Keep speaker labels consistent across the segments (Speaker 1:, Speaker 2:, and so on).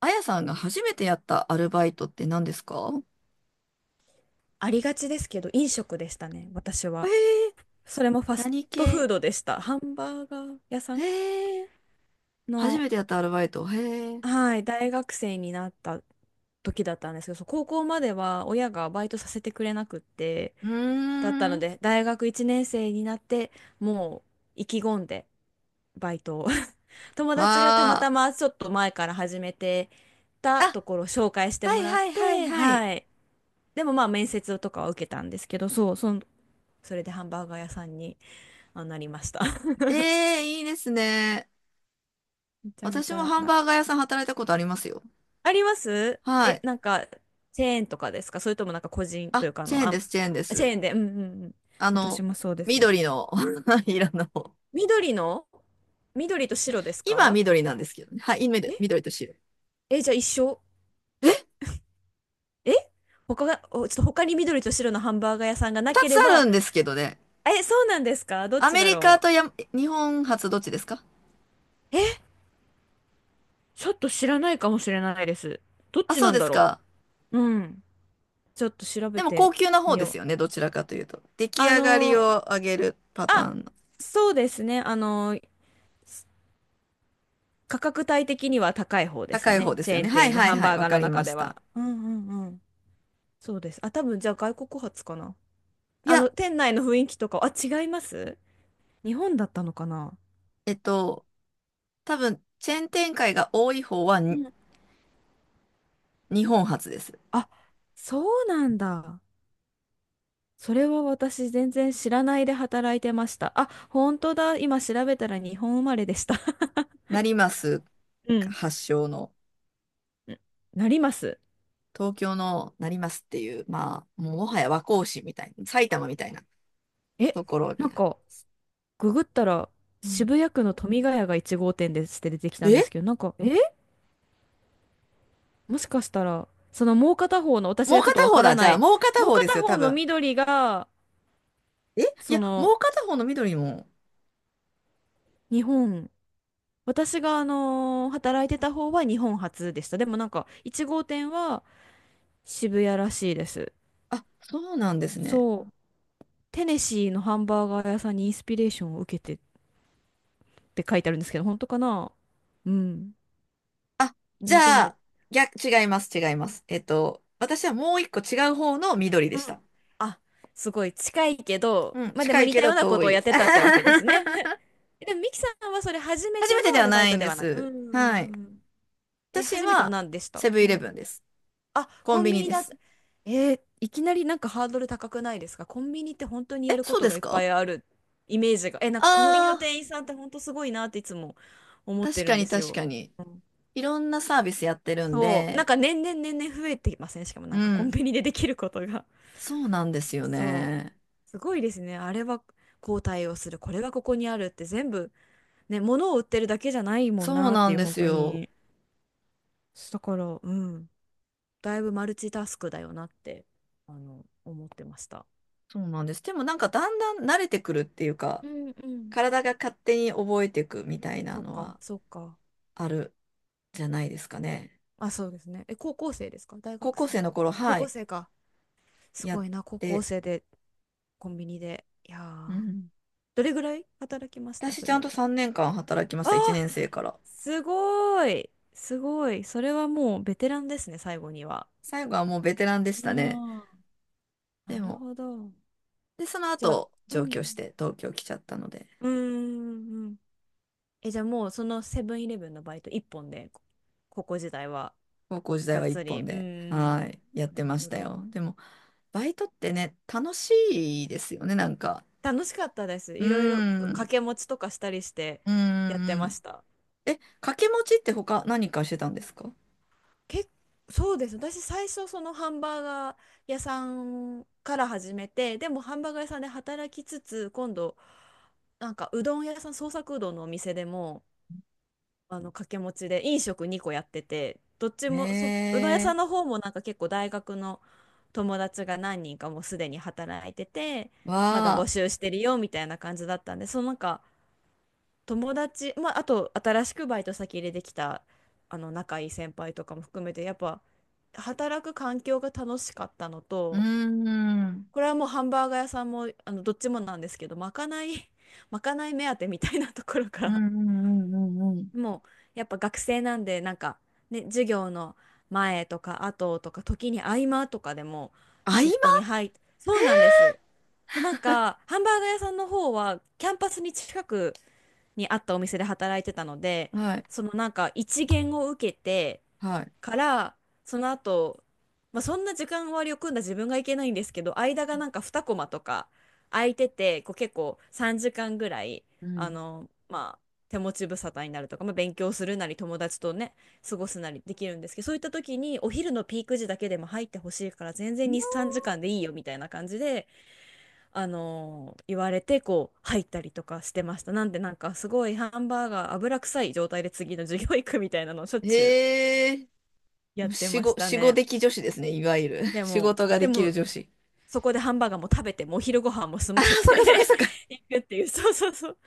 Speaker 1: あやさんが初めてやったアルバイトって何ですか？
Speaker 2: ありがちですけど、飲食でしたね、私
Speaker 1: え
Speaker 2: は。
Speaker 1: ー、
Speaker 2: それもファス
Speaker 1: 何
Speaker 2: トフー
Speaker 1: 系？
Speaker 2: ドでした。ハンバーガー屋さ
Speaker 1: え
Speaker 2: ん
Speaker 1: ー、初
Speaker 2: の、
Speaker 1: めてやったアルバイト。へえ。
Speaker 2: はい、大学生になった時だったんですけど、そう高校までは親がバイトさせてくれなくって、
Speaker 1: うー
Speaker 2: だったの
Speaker 1: ん。
Speaker 2: で、大学1年生になって、もう意気込んでバイトを 友達がたま
Speaker 1: わ
Speaker 2: た
Speaker 1: ー。
Speaker 2: まちょっと前から始めて
Speaker 1: あ、
Speaker 2: たところを紹介して
Speaker 1: は
Speaker 2: も
Speaker 1: い
Speaker 2: らっ
Speaker 1: はいはい
Speaker 2: て、
Speaker 1: はい。
Speaker 2: はい。でもまあ面接とかは受けたんですけど、それでハンバーガー屋さんになりました
Speaker 1: えー、いいですね。
Speaker 2: めちゃめ
Speaker 1: 私
Speaker 2: ち
Speaker 1: も
Speaker 2: ゃ
Speaker 1: ハン
Speaker 2: な、
Speaker 1: バーガー屋さん働いたことありますよ。
Speaker 2: あります
Speaker 1: は
Speaker 2: え、
Speaker 1: い。
Speaker 2: なんか、チェーンとかですか？それともなんか個人と
Speaker 1: あ、
Speaker 2: いうか、
Speaker 1: チェーンです、チェーンで
Speaker 2: チ
Speaker 1: す。
Speaker 2: ェーンで、うんうんうん。
Speaker 1: あ
Speaker 2: 私
Speaker 1: の、
Speaker 2: もそうです。
Speaker 1: 緑の 色の。
Speaker 2: 緑の緑と白です
Speaker 1: 今は
Speaker 2: か？
Speaker 1: 緑なんですけどね。はい、今緑
Speaker 2: え
Speaker 1: と白。
Speaker 2: え、じゃあ一緒。
Speaker 1: え、
Speaker 2: え他が、おちょっと他に緑と白のハンバーガー屋さんがな
Speaker 1: 二
Speaker 2: け
Speaker 1: つ
Speaker 2: れ
Speaker 1: ある
Speaker 2: ば、
Speaker 1: んですけどね。
Speaker 2: え、そうなんですか？どっ
Speaker 1: ア
Speaker 2: ち
Speaker 1: メ
Speaker 2: だ
Speaker 1: リカ
Speaker 2: ろ
Speaker 1: とや、日本初どっちですか？
Speaker 2: う。え、ちょっと知らないかもしれないです。どっ
Speaker 1: あ、
Speaker 2: ち
Speaker 1: そう
Speaker 2: なん
Speaker 1: で
Speaker 2: だ
Speaker 1: す
Speaker 2: ろ
Speaker 1: か。
Speaker 2: う。うん。ちょっと調
Speaker 1: で
Speaker 2: べ
Speaker 1: も高
Speaker 2: て
Speaker 1: 級な方
Speaker 2: み
Speaker 1: です
Speaker 2: よう。
Speaker 1: よね。どちらかというと。出来
Speaker 2: あ
Speaker 1: 上がり
Speaker 2: のー、
Speaker 1: を上げるパター
Speaker 2: あ、
Speaker 1: ンの。
Speaker 2: そうですね。価格帯的には高い方です
Speaker 1: 高い方
Speaker 2: ね。
Speaker 1: です
Speaker 2: チ
Speaker 1: よ
Speaker 2: ェー
Speaker 1: ね。
Speaker 2: ン
Speaker 1: はい
Speaker 2: 店の
Speaker 1: はい
Speaker 2: ハン
Speaker 1: はい。
Speaker 2: バー
Speaker 1: わ
Speaker 2: ガー
Speaker 1: か
Speaker 2: の
Speaker 1: りま
Speaker 2: 中
Speaker 1: し
Speaker 2: では。
Speaker 1: た。
Speaker 2: うんうんうん。そうです。あ、多分じゃあ外国発かな。
Speaker 1: い
Speaker 2: あ
Speaker 1: や、
Speaker 2: の、店内の雰囲気とか、あ、違います？日本だったのかな。
Speaker 1: えっと、多分、チェーン展開が多い方は
Speaker 2: う
Speaker 1: に
Speaker 2: ん。
Speaker 1: 日本発です。
Speaker 2: あ、そうなんだ。それは私全然知らないで働いてました。あ、本当だ。今調べたら日本生まれでした。
Speaker 1: 成増
Speaker 2: うん。
Speaker 1: 発祥の、
Speaker 2: なります。
Speaker 1: 東京の成増っていう、まあ、もうもはや和光市みたいな、埼玉みたいな
Speaker 2: え、
Speaker 1: ところ
Speaker 2: な
Speaker 1: に
Speaker 2: ん
Speaker 1: なる。
Speaker 2: か、ググったら
Speaker 1: うん。
Speaker 2: 渋谷区の富ヶ谷が1号店ですって出てきたんで
Speaker 1: え、
Speaker 2: すけど、もしかしたら、そのもう片方の、私
Speaker 1: もう
Speaker 2: がちょっと
Speaker 1: 片
Speaker 2: わ
Speaker 1: 方
Speaker 2: から
Speaker 1: だ。じ
Speaker 2: な
Speaker 1: ゃあ、
Speaker 2: い、
Speaker 1: もう片
Speaker 2: もう
Speaker 1: 方です
Speaker 2: 片
Speaker 1: よ、多
Speaker 2: 方の
Speaker 1: 分。
Speaker 2: 緑が、
Speaker 1: え、い
Speaker 2: そ
Speaker 1: や、も
Speaker 2: の、
Speaker 1: う片方の緑も。
Speaker 2: 日本、私が働いてた方は日本初でした。でもなんか、1号店は渋谷らしいです。
Speaker 1: あ、そうなんですね。
Speaker 2: そう、テネシーのハンバーガー屋さんにインスピレーションを受けてって書いてあるんですけど、本当かな？うん。
Speaker 1: あ、じ
Speaker 2: え、で
Speaker 1: ゃ
Speaker 2: も、
Speaker 1: あ、逆、違います、違います。えっと、私はもう一個違う方の緑で
Speaker 2: う
Speaker 1: した。
Speaker 2: ん。あ、すごい近いけど、
Speaker 1: うん、
Speaker 2: まあで
Speaker 1: 近
Speaker 2: も
Speaker 1: い
Speaker 2: 似
Speaker 1: け
Speaker 2: た
Speaker 1: ど
Speaker 2: ようなこ
Speaker 1: 遠
Speaker 2: とをやっ
Speaker 1: い。
Speaker 2: てたってわけで すね。でも、ミキさんはそれ初め
Speaker 1: 初
Speaker 2: て
Speaker 1: め
Speaker 2: の
Speaker 1: てで
Speaker 2: ア
Speaker 1: は
Speaker 2: ルバ
Speaker 1: な
Speaker 2: イ
Speaker 1: い
Speaker 2: ト
Speaker 1: ん
Speaker 2: で
Speaker 1: で
Speaker 2: はない。う
Speaker 1: す。はい。
Speaker 2: ん。え、
Speaker 1: 私
Speaker 2: 初めては
Speaker 1: は、
Speaker 2: 何でした？
Speaker 1: セブン
Speaker 2: う
Speaker 1: イレブ
Speaker 2: ん。
Speaker 1: ンです。
Speaker 2: あ、
Speaker 1: コ
Speaker 2: コ
Speaker 1: ン
Speaker 2: ン
Speaker 1: ビ
Speaker 2: ビ
Speaker 1: ニ
Speaker 2: ニ
Speaker 1: で
Speaker 2: だ。
Speaker 1: す。
Speaker 2: いきなりなんかハードル高くないですか？コンビニって本当にや
Speaker 1: え、
Speaker 2: るこ
Speaker 1: そう
Speaker 2: と
Speaker 1: で
Speaker 2: が
Speaker 1: す
Speaker 2: いっぱ
Speaker 1: か？
Speaker 2: いあるイメージが。え、なんかコンビニの
Speaker 1: ああ
Speaker 2: 店員さんって本当すごいなっていつも思
Speaker 1: ー、
Speaker 2: っ
Speaker 1: 確
Speaker 2: てる
Speaker 1: か
Speaker 2: んで
Speaker 1: に
Speaker 2: す
Speaker 1: 確
Speaker 2: よ。
Speaker 1: かに。
Speaker 2: うん。
Speaker 1: いろんなサービスやってるん
Speaker 2: そう。なん
Speaker 1: で、
Speaker 2: か年々増えていません？しかも
Speaker 1: う
Speaker 2: なんかコン
Speaker 1: ん、
Speaker 2: ビニでできることが。
Speaker 1: そうなんですよ
Speaker 2: そ
Speaker 1: ね。
Speaker 2: う。すごいですね。あれは、こう対応する、これはここにあるって全部、ね、物を売ってるだけじゃないもん
Speaker 1: そう
Speaker 2: なっ
Speaker 1: な
Speaker 2: てい
Speaker 1: ん
Speaker 2: う、
Speaker 1: で
Speaker 2: 本
Speaker 1: す
Speaker 2: 当
Speaker 1: よ。
Speaker 2: に。だから、うん、だいぶマルチタスクだよなって、あの、思ってました。
Speaker 1: そうなんです。でもなんかだんだん慣れてくるっていうか、
Speaker 2: うんうん。
Speaker 1: 体が勝手に覚えていくみたいな
Speaker 2: そっ
Speaker 1: の
Speaker 2: か、
Speaker 1: は
Speaker 2: そっか。
Speaker 1: あるじゃないですかね。
Speaker 2: あ、そうですね。え、高校生ですか、大
Speaker 1: 高
Speaker 2: 学
Speaker 1: 校
Speaker 2: 生？
Speaker 1: 生の頃、
Speaker 2: 高
Speaker 1: は
Speaker 2: 校
Speaker 1: い、
Speaker 2: 生か。す
Speaker 1: や
Speaker 2: ご
Speaker 1: っ
Speaker 2: いな、高校
Speaker 1: て、
Speaker 2: 生でコンビニで。いや
Speaker 1: う
Speaker 2: ー、
Speaker 1: ん。
Speaker 2: どれぐらい働きました、
Speaker 1: 私
Speaker 2: そ
Speaker 1: ちゃんと
Speaker 2: れ？
Speaker 1: 3年間働きま
Speaker 2: あ
Speaker 1: した、1
Speaker 2: ー、
Speaker 1: 年生から。
Speaker 2: すごい。すごい。それはもうベテランですね、最後には。
Speaker 1: 最後はもうベテランでしたね。
Speaker 2: ああ、
Speaker 1: で
Speaker 2: なる
Speaker 1: も、
Speaker 2: ほど。
Speaker 1: で、その
Speaker 2: じゃあ、
Speaker 1: 後、
Speaker 2: う
Speaker 1: 上
Speaker 2: ん。
Speaker 1: 京して東京来ちゃったので、
Speaker 2: うーん、うん。え、じゃあもうそのセブンイレブンのバイト一本で、高校時代は
Speaker 1: 高校時代
Speaker 2: がっ
Speaker 1: は一
Speaker 2: つり。
Speaker 1: 本
Speaker 2: うー
Speaker 1: で、は
Speaker 2: ん。
Speaker 1: い、やっ
Speaker 2: な
Speaker 1: て
Speaker 2: る
Speaker 1: まし
Speaker 2: ほ
Speaker 1: た
Speaker 2: ど。
Speaker 1: よ。でも、バイトってね、楽しいですよね、なんか。
Speaker 2: 楽しかったです。
Speaker 1: うー
Speaker 2: いろいろ掛
Speaker 1: ん、
Speaker 2: け持ちとかしたりして
Speaker 1: うー
Speaker 2: やってま
Speaker 1: ん。
Speaker 2: した。
Speaker 1: え、掛け持ちって他何かしてたんですか？
Speaker 2: け、そうです。私最初そのハンバーガー屋さんから始めて、でもハンバーガー屋さんで働きつつ、今度なんかうどん屋さん、創作うどんのお店でも、あの掛け持ちで飲食2個やってて、どっちも、そう、どん屋さ
Speaker 1: え
Speaker 2: んの方もなんか結構大学の友達が何人かもうすでに働いてて、
Speaker 1: ー、
Speaker 2: まだ募
Speaker 1: わ
Speaker 2: 集してるよみたいな感じだったんで、そのなんか友達、まあ、あと新しくバイト先入れてきたあの仲いい先輩とかも含めて、やっぱ働く環境が楽しかったの
Speaker 1: ー、うー
Speaker 2: と、
Speaker 1: ん。
Speaker 2: これはもうハンバーガー屋さんもあのどっちもなんですけど、まかない まかない目当てみたいなところか
Speaker 1: う
Speaker 2: ら、
Speaker 1: んうんうんうんうん。
Speaker 2: もうやっぱ学生なんで、なんかね、授業の前とか後とか、時に合間とかでも
Speaker 1: 合
Speaker 2: シ
Speaker 1: 間。
Speaker 2: フトにそうなんです、なんかハンバーガー屋さんの方はキャンパスに近くにあったお店で働いてたので、
Speaker 1: はい、
Speaker 2: そのなんか一限を受けて
Speaker 1: はい。
Speaker 2: から、その後、まあ、そんな時間割を組んだ自分がいけないんですけど、間がなんか2コマとか空いてて、こう結構3時間ぐらい、
Speaker 1: う
Speaker 2: あ
Speaker 1: ん。
Speaker 2: の、まあ、手持ち無沙汰になるとか、まあ、勉強するなり友達とね、過ごすなりできるんですけど、そういった時にお昼のピーク時だけでも入ってほしいから全然2、3時間でいいよみたいな感じで、あの言われてこう入ったりとかしてました。なんでなんかすごいハンバーガー油臭い状態で次の授業行くみたいなのをしょっちゅう
Speaker 1: へえ、
Speaker 2: やって
Speaker 1: 仕
Speaker 2: まし
Speaker 1: 事、
Speaker 2: た
Speaker 1: 仕事
Speaker 2: ね。
Speaker 1: 的女子ですね、いわゆる。
Speaker 2: で
Speaker 1: 仕
Speaker 2: も、
Speaker 1: 事が
Speaker 2: で
Speaker 1: できる
Speaker 2: も、
Speaker 1: 女子。
Speaker 2: そこでハンバーガーも食べて、もう昼ご飯も済
Speaker 1: あ
Speaker 2: ま
Speaker 1: あ、
Speaker 2: せ
Speaker 1: そっかそっか
Speaker 2: て
Speaker 1: そっか。
Speaker 2: 行くっていう、そうそうそう。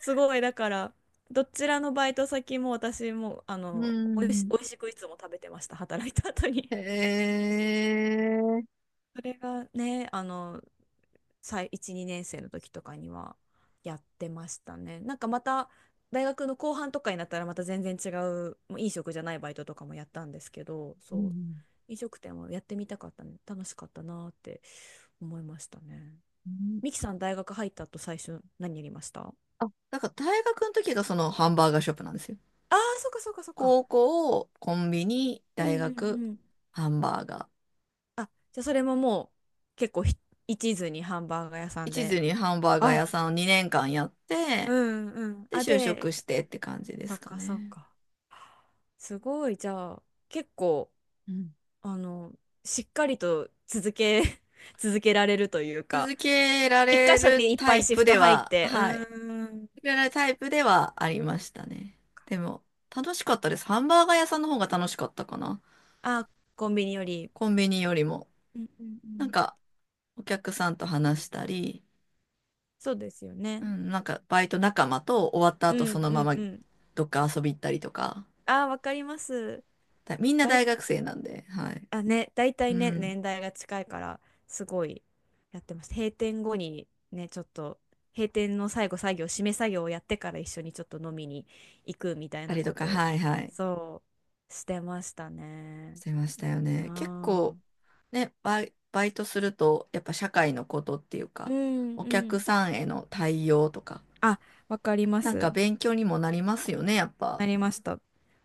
Speaker 2: すごい、だから、どちらのバイト先も私も、あ
Speaker 1: う
Speaker 2: の、
Speaker 1: ん。
Speaker 2: おいしくいつも食べてました、働いた後
Speaker 1: へ
Speaker 2: に。
Speaker 1: え。
Speaker 2: それがね、あの、1、2年生の時とかにはやってましたね。なんかまた、大学の後半とかになったらまた全然もう飲食じゃないバイトとかもやったんですけど、
Speaker 1: う
Speaker 2: そう、
Speaker 1: ん。
Speaker 2: 飲食店もやってみたかったね。楽しかったなーって思いましたね。
Speaker 1: うん。
Speaker 2: ミキさん大学入った後最初何やりました？あ、
Speaker 1: あ、だから大学の時がそのハンバーガーショップなんですよ。
Speaker 2: あー、そっかそっかそっか。
Speaker 1: 高校、コンビニ、
Speaker 2: うん
Speaker 1: 大
Speaker 2: うん
Speaker 1: 学、
Speaker 2: うん。
Speaker 1: ハンバーガー。
Speaker 2: あ、じゃあそれももう結構一途にハンバーガー屋さん
Speaker 1: 一途
Speaker 2: で。
Speaker 1: にハンバーガー屋
Speaker 2: あ、
Speaker 1: さんを2年間やっ
Speaker 2: う
Speaker 1: て、
Speaker 2: んうん。
Speaker 1: で、
Speaker 2: あ、
Speaker 1: 就職
Speaker 2: で、
Speaker 1: してって感じで
Speaker 2: そ
Speaker 1: す
Speaker 2: っ
Speaker 1: か
Speaker 2: かそっ
Speaker 1: ね。
Speaker 2: か。すごい、じゃあ結構、
Speaker 1: うん。
Speaker 2: あの、しっかりと続け、続けられるというか、
Speaker 1: 続けら
Speaker 2: 一
Speaker 1: れ
Speaker 2: 箇所
Speaker 1: る
Speaker 2: にいっ
Speaker 1: タ
Speaker 2: ぱい
Speaker 1: イ
Speaker 2: シ
Speaker 1: プ
Speaker 2: フ
Speaker 1: で
Speaker 2: ト入っ
Speaker 1: は、
Speaker 2: て、う
Speaker 1: はい。
Speaker 2: ーん。
Speaker 1: 続けられるタイプではありましたね。でも、楽しかったです。ハンバーガー屋さんの方が楽しかったかな。
Speaker 2: あ、コンビニより。
Speaker 1: コンビニよりも。
Speaker 2: うんうんう
Speaker 1: なん
Speaker 2: ん。
Speaker 1: か、お客さんと話したり、
Speaker 2: そうですよ
Speaker 1: う
Speaker 2: ね。
Speaker 1: ん、なんか、バイト仲間と終わった
Speaker 2: う
Speaker 1: 後
Speaker 2: ん
Speaker 1: その
Speaker 2: う
Speaker 1: ま
Speaker 2: ん
Speaker 1: ま
Speaker 2: うん。
Speaker 1: どっか遊び行ったりとか。
Speaker 2: あー、わかります。
Speaker 1: だみんな
Speaker 2: バ
Speaker 1: 大
Speaker 2: イ
Speaker 1: 学生なんで、はい。
Speaker 2: あ、ね、大体
Speaker 1: う
Speaker 2: ね、
Speaker 1: ん。
Speaker 2: 年代が近いから、すごいやってます。閉店後にね、ちょっと、閉店の作業、締め作業をやってから一緒にちょっと飲みに行くみたい
Speaker 1: あ
Speaker 2: な
Speaker 1: りと
Speaker 2: こ
Speaker 1: か、
Speaker 2: とを、
Speaker 1: はいはい。
Speaker 2: そう、してました
Speaker 1: し
Speaker 2: ね。
Speaker 1: てましたよ
Speaker 2: あ
Speaker 1: ね。結構、
Speaker 2: あ。
Speaker 1: ね、バイトすると、やっぱ社会のことっていう
Speaker 2: う
Speaker 1: か、
Speaker 2: ん
Speaker 1: お
Speaker 2: う
Speaker 1: 客
Speaker 2: ん。
Speaker 1: さんへの対応とか、
Speaker 2: あ、わかりま
Speaker 1: なんか
Speaker 2: す。
Speaker 1: 勉強にもなりますよね、やっぱ。
Speaker 2: なりました。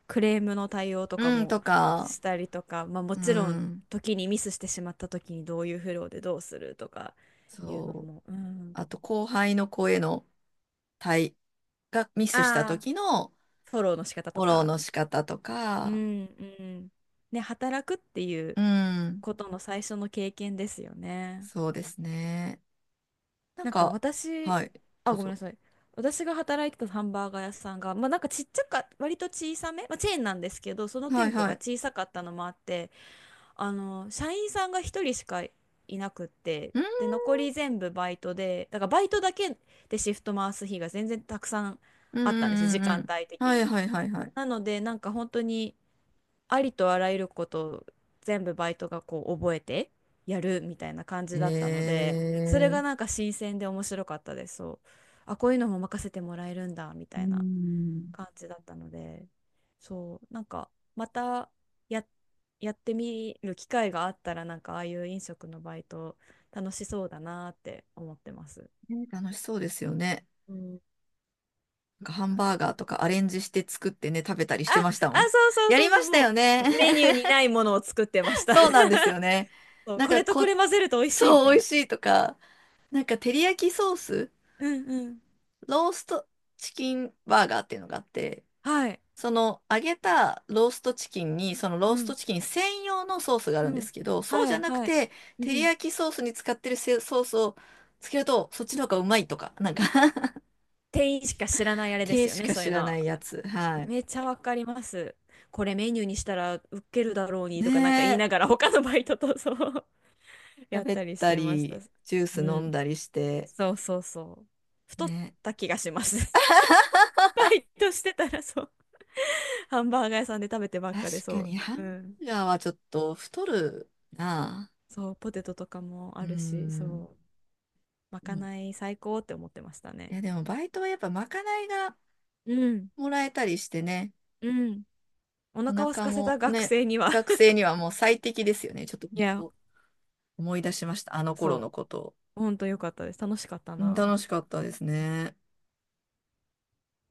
Speaker 2: クレームの対応とか
Speaker 1: うん、
Speaker 2: も
Speaker 1: とか、
Speaker 2: したりとか、まあも
Speaker 1: う
Speaker 2: ちろん、
Speaker 1: ん、
Speaker 2: 時にミスしてしまった時にどういうフローでどうするとかいうの
Speaker 1: そう。
Speaker 2: も、うん。
Speaker 1: あと、後輩の子への対、がミスした
Speaker 2: あ、
Speaker 1: 時の
Speaker 2: フォローの仕方と
Speaker 1: フォローの
Speaker 2: か、
Speaker 1: 仕方と
Speaker 2: う
Speaker 1: か、
Speaker 2: んうん、ね、働くっていう
Speaker 1: うん、
Speaker 2: ことの最初の経験ですよね。
Speaker 1: そうですね。なん
Speaker 2: なんか
Speaker 1: か、
Speaker 2: 私、
Speaker 1: はい、
Speaker 2: あ、
Speaker 1: どう
Speaker 2: ごめん
Speaker 1: ぞ。
Speaker 2: なさい。私が働いてたハンバーガー屋さんが、まあなんかちっちゃか、割と小さめ、まあチェーンなんですけど、その
Speaker 1: はい
Speaker 2: 店舗
Speaker 1: は
Speaker 2: が
Speaker 1: い。
Speaker 2: 小さかったのもあって、あの、社員さんが一人しかいなくって、
Speaker 1: うん、
Speaker 2: で、残り全部バイトで、だからバイトだけでシフト回す日が全然たくさん
Speaker 1: うん、う
Speaker 2: あったんですよ、
Speaker 1: ん、
Speaker 2: 時
Speaker 1: うん。う
Speaker 2: 間
Speaker 1: ん。
Speaker 2: 帯
Speaker 1: は
Speaker 2: 的
Speaker 1: い
Speaker 2: に。
Speaker 1: はいはいはい。
Speaker 2: なので、なんか本当に、ありとあらゆることを全部バイトがこう覚えてやるみたいな感
Speaker 1: え
Speaker 2: じだったので、それ
Speaker 1: ー、
Speaker 2: がなんか新鮮で面白かったです。そう。あ、こういうのも任せてもらえるんだみ
Speaker 1: う
Speaker 2: たいな
Speaker 1: ん。
Speaker 2: 感じだったので、そう、なんかまた、や、やってみる機会があったら、なんかああいう飲食のバイト楽しそうだなって思ってます。
Speaker 1: ね、楽しそうですよね。
Speaker 2: うん。
Speaker 1: なんかハン
Speaker 2: あ
Speaker 1: バ
Speaker 2: つ
Speaker 1: ーガーとかアレンジして作ってね、食べたりし
Speaker 2: あ、
Speaker 1: てました
Speaker 2: あ、
Speaker 1: もん。
Speaker 2: そうそう
Speaker 1: や
Speaker 2: そ
Speaker 1: り
Speaker 2: う
Speaker 1: ま
Speaker 2: そう、
Speaker 1: した
Speaker 2: も
Speaker 1: よね。
Speaker 2: うメニュ ーにないものを作ってました。
Speaker 1: そうなんですよね。
Speaker 2: そう、
Speaker 1: なん
Speaker 2: こ
Speaker 1: か
Speaker 2: れとこ
Speaker 1: こ、
Speaker 2: れ混ぜると美味しいみ
Speaker 1: そ
Speaker 2: た
Speaker 1: う、
Speaker 2: い
Speaker 1: 美味
Speaker 2: な。
Speaker 1: しいとか、なんか照り焼きソース、
Speaker 2: うんうん。
Speaker 1: ローストチキンバーガーっていうのがあって、
Speaker 2: はい。
Speaker 1: その揚げたローストチキンに、そのロ
Speaker 2: う
Speaker 1: ースト
Speaker 2: ん。
Speaker 1: チキン専用のソースがあ
Speaker 2: う
Speaker 1: るんで
Speaker 2: ん。
Speaker 1: すけど、そうじ
Speaker 2: は
Speaker 1: ゃ
Speaker 2: い、
Speaker 1: なく
Speaker 2: はい。
Speaker 1: て、
Speaker 2: う
Speaker 1: 照り
Speaker 2: ん。
Speaker 1: 焼きソースに使ってるせソースをつけると、そっちの方がうまいとか、なんか
Speaker 2: 店員しか知らないあれで
Speaker 1: 手
Speaker 2: すよ
Speaker 1: し
Speaker 2: ね、
Speaker 1: か
Speaker 2: そう
Speaker 1: 知
Speaker 2: いう
Speaker 1: らな
Speaker 2: の。
Speaker 1: いやつ。はい。
Speaker 2: めっちゃわかります。これメニューにしたらウケるだろうに
Speaker 1: ね
Speaker 2: とかなんか言いな
Speaker 1: え、
Speaker 2: がら他のバイトとそう やっ
Speaker 1: 喋っ
Speaker 2: たりし
Speaker 1: た
Speaker 2: てました。
Speaker 1: り、ジュー
Speaker 2: う
Speaker 1: ス飲ん
Speaker 2: ん。
Speaker 1: だりして。
Speaker 2: そうそうそう。太っ
Speaker 1: ね。
Speaker 2: た気がします。バイトしてたらそう。ハンバーガー屋さんで食べてばっ
Speaker 1: 確
Speaker 2: かでそ
Speaker 1: か
Speaker 2: う。
Speaker 1: にハン
Speaker 2: うん。
Speaker 1: バーガーはちょっと太るな。
Speaker 2: そう、ポテトとかも
Speaker 1: う
Speaker 2: あ
Speaker 1: ー
Speaker 2: るし、
Speaker 1: ん。
Speaker 2: そう。まかない最高って思ってました
Speaker 1: い
Speaker 2: ね。
Speaker 1: や、でもバイトはやっぱまかないが
Speaker 2: うん。
Speaker 1: もらえたりしてね。
Speaker 2: うん。お
Speaker 1: お
Speaker 2: 腹を空
Speaker 1: 腹
Speaker 2: かせた
Speaker 1: も
Speaker 2: 学
Speaker 1: ね、
Speaker 2: 生には
Speaker 1: 学 生にはもう最適ですよね。ちょっと
Speaker 2: いや、
Speaker 1: 思い出しました。あの頃
Speaker 2: そ
Speaker 1: のことを。
Speaker 2: う、ほんとよかったです。楽しかった
Speaker 1: うん、
Speaker 2: な。
Speaker 1: 楽しかったですね。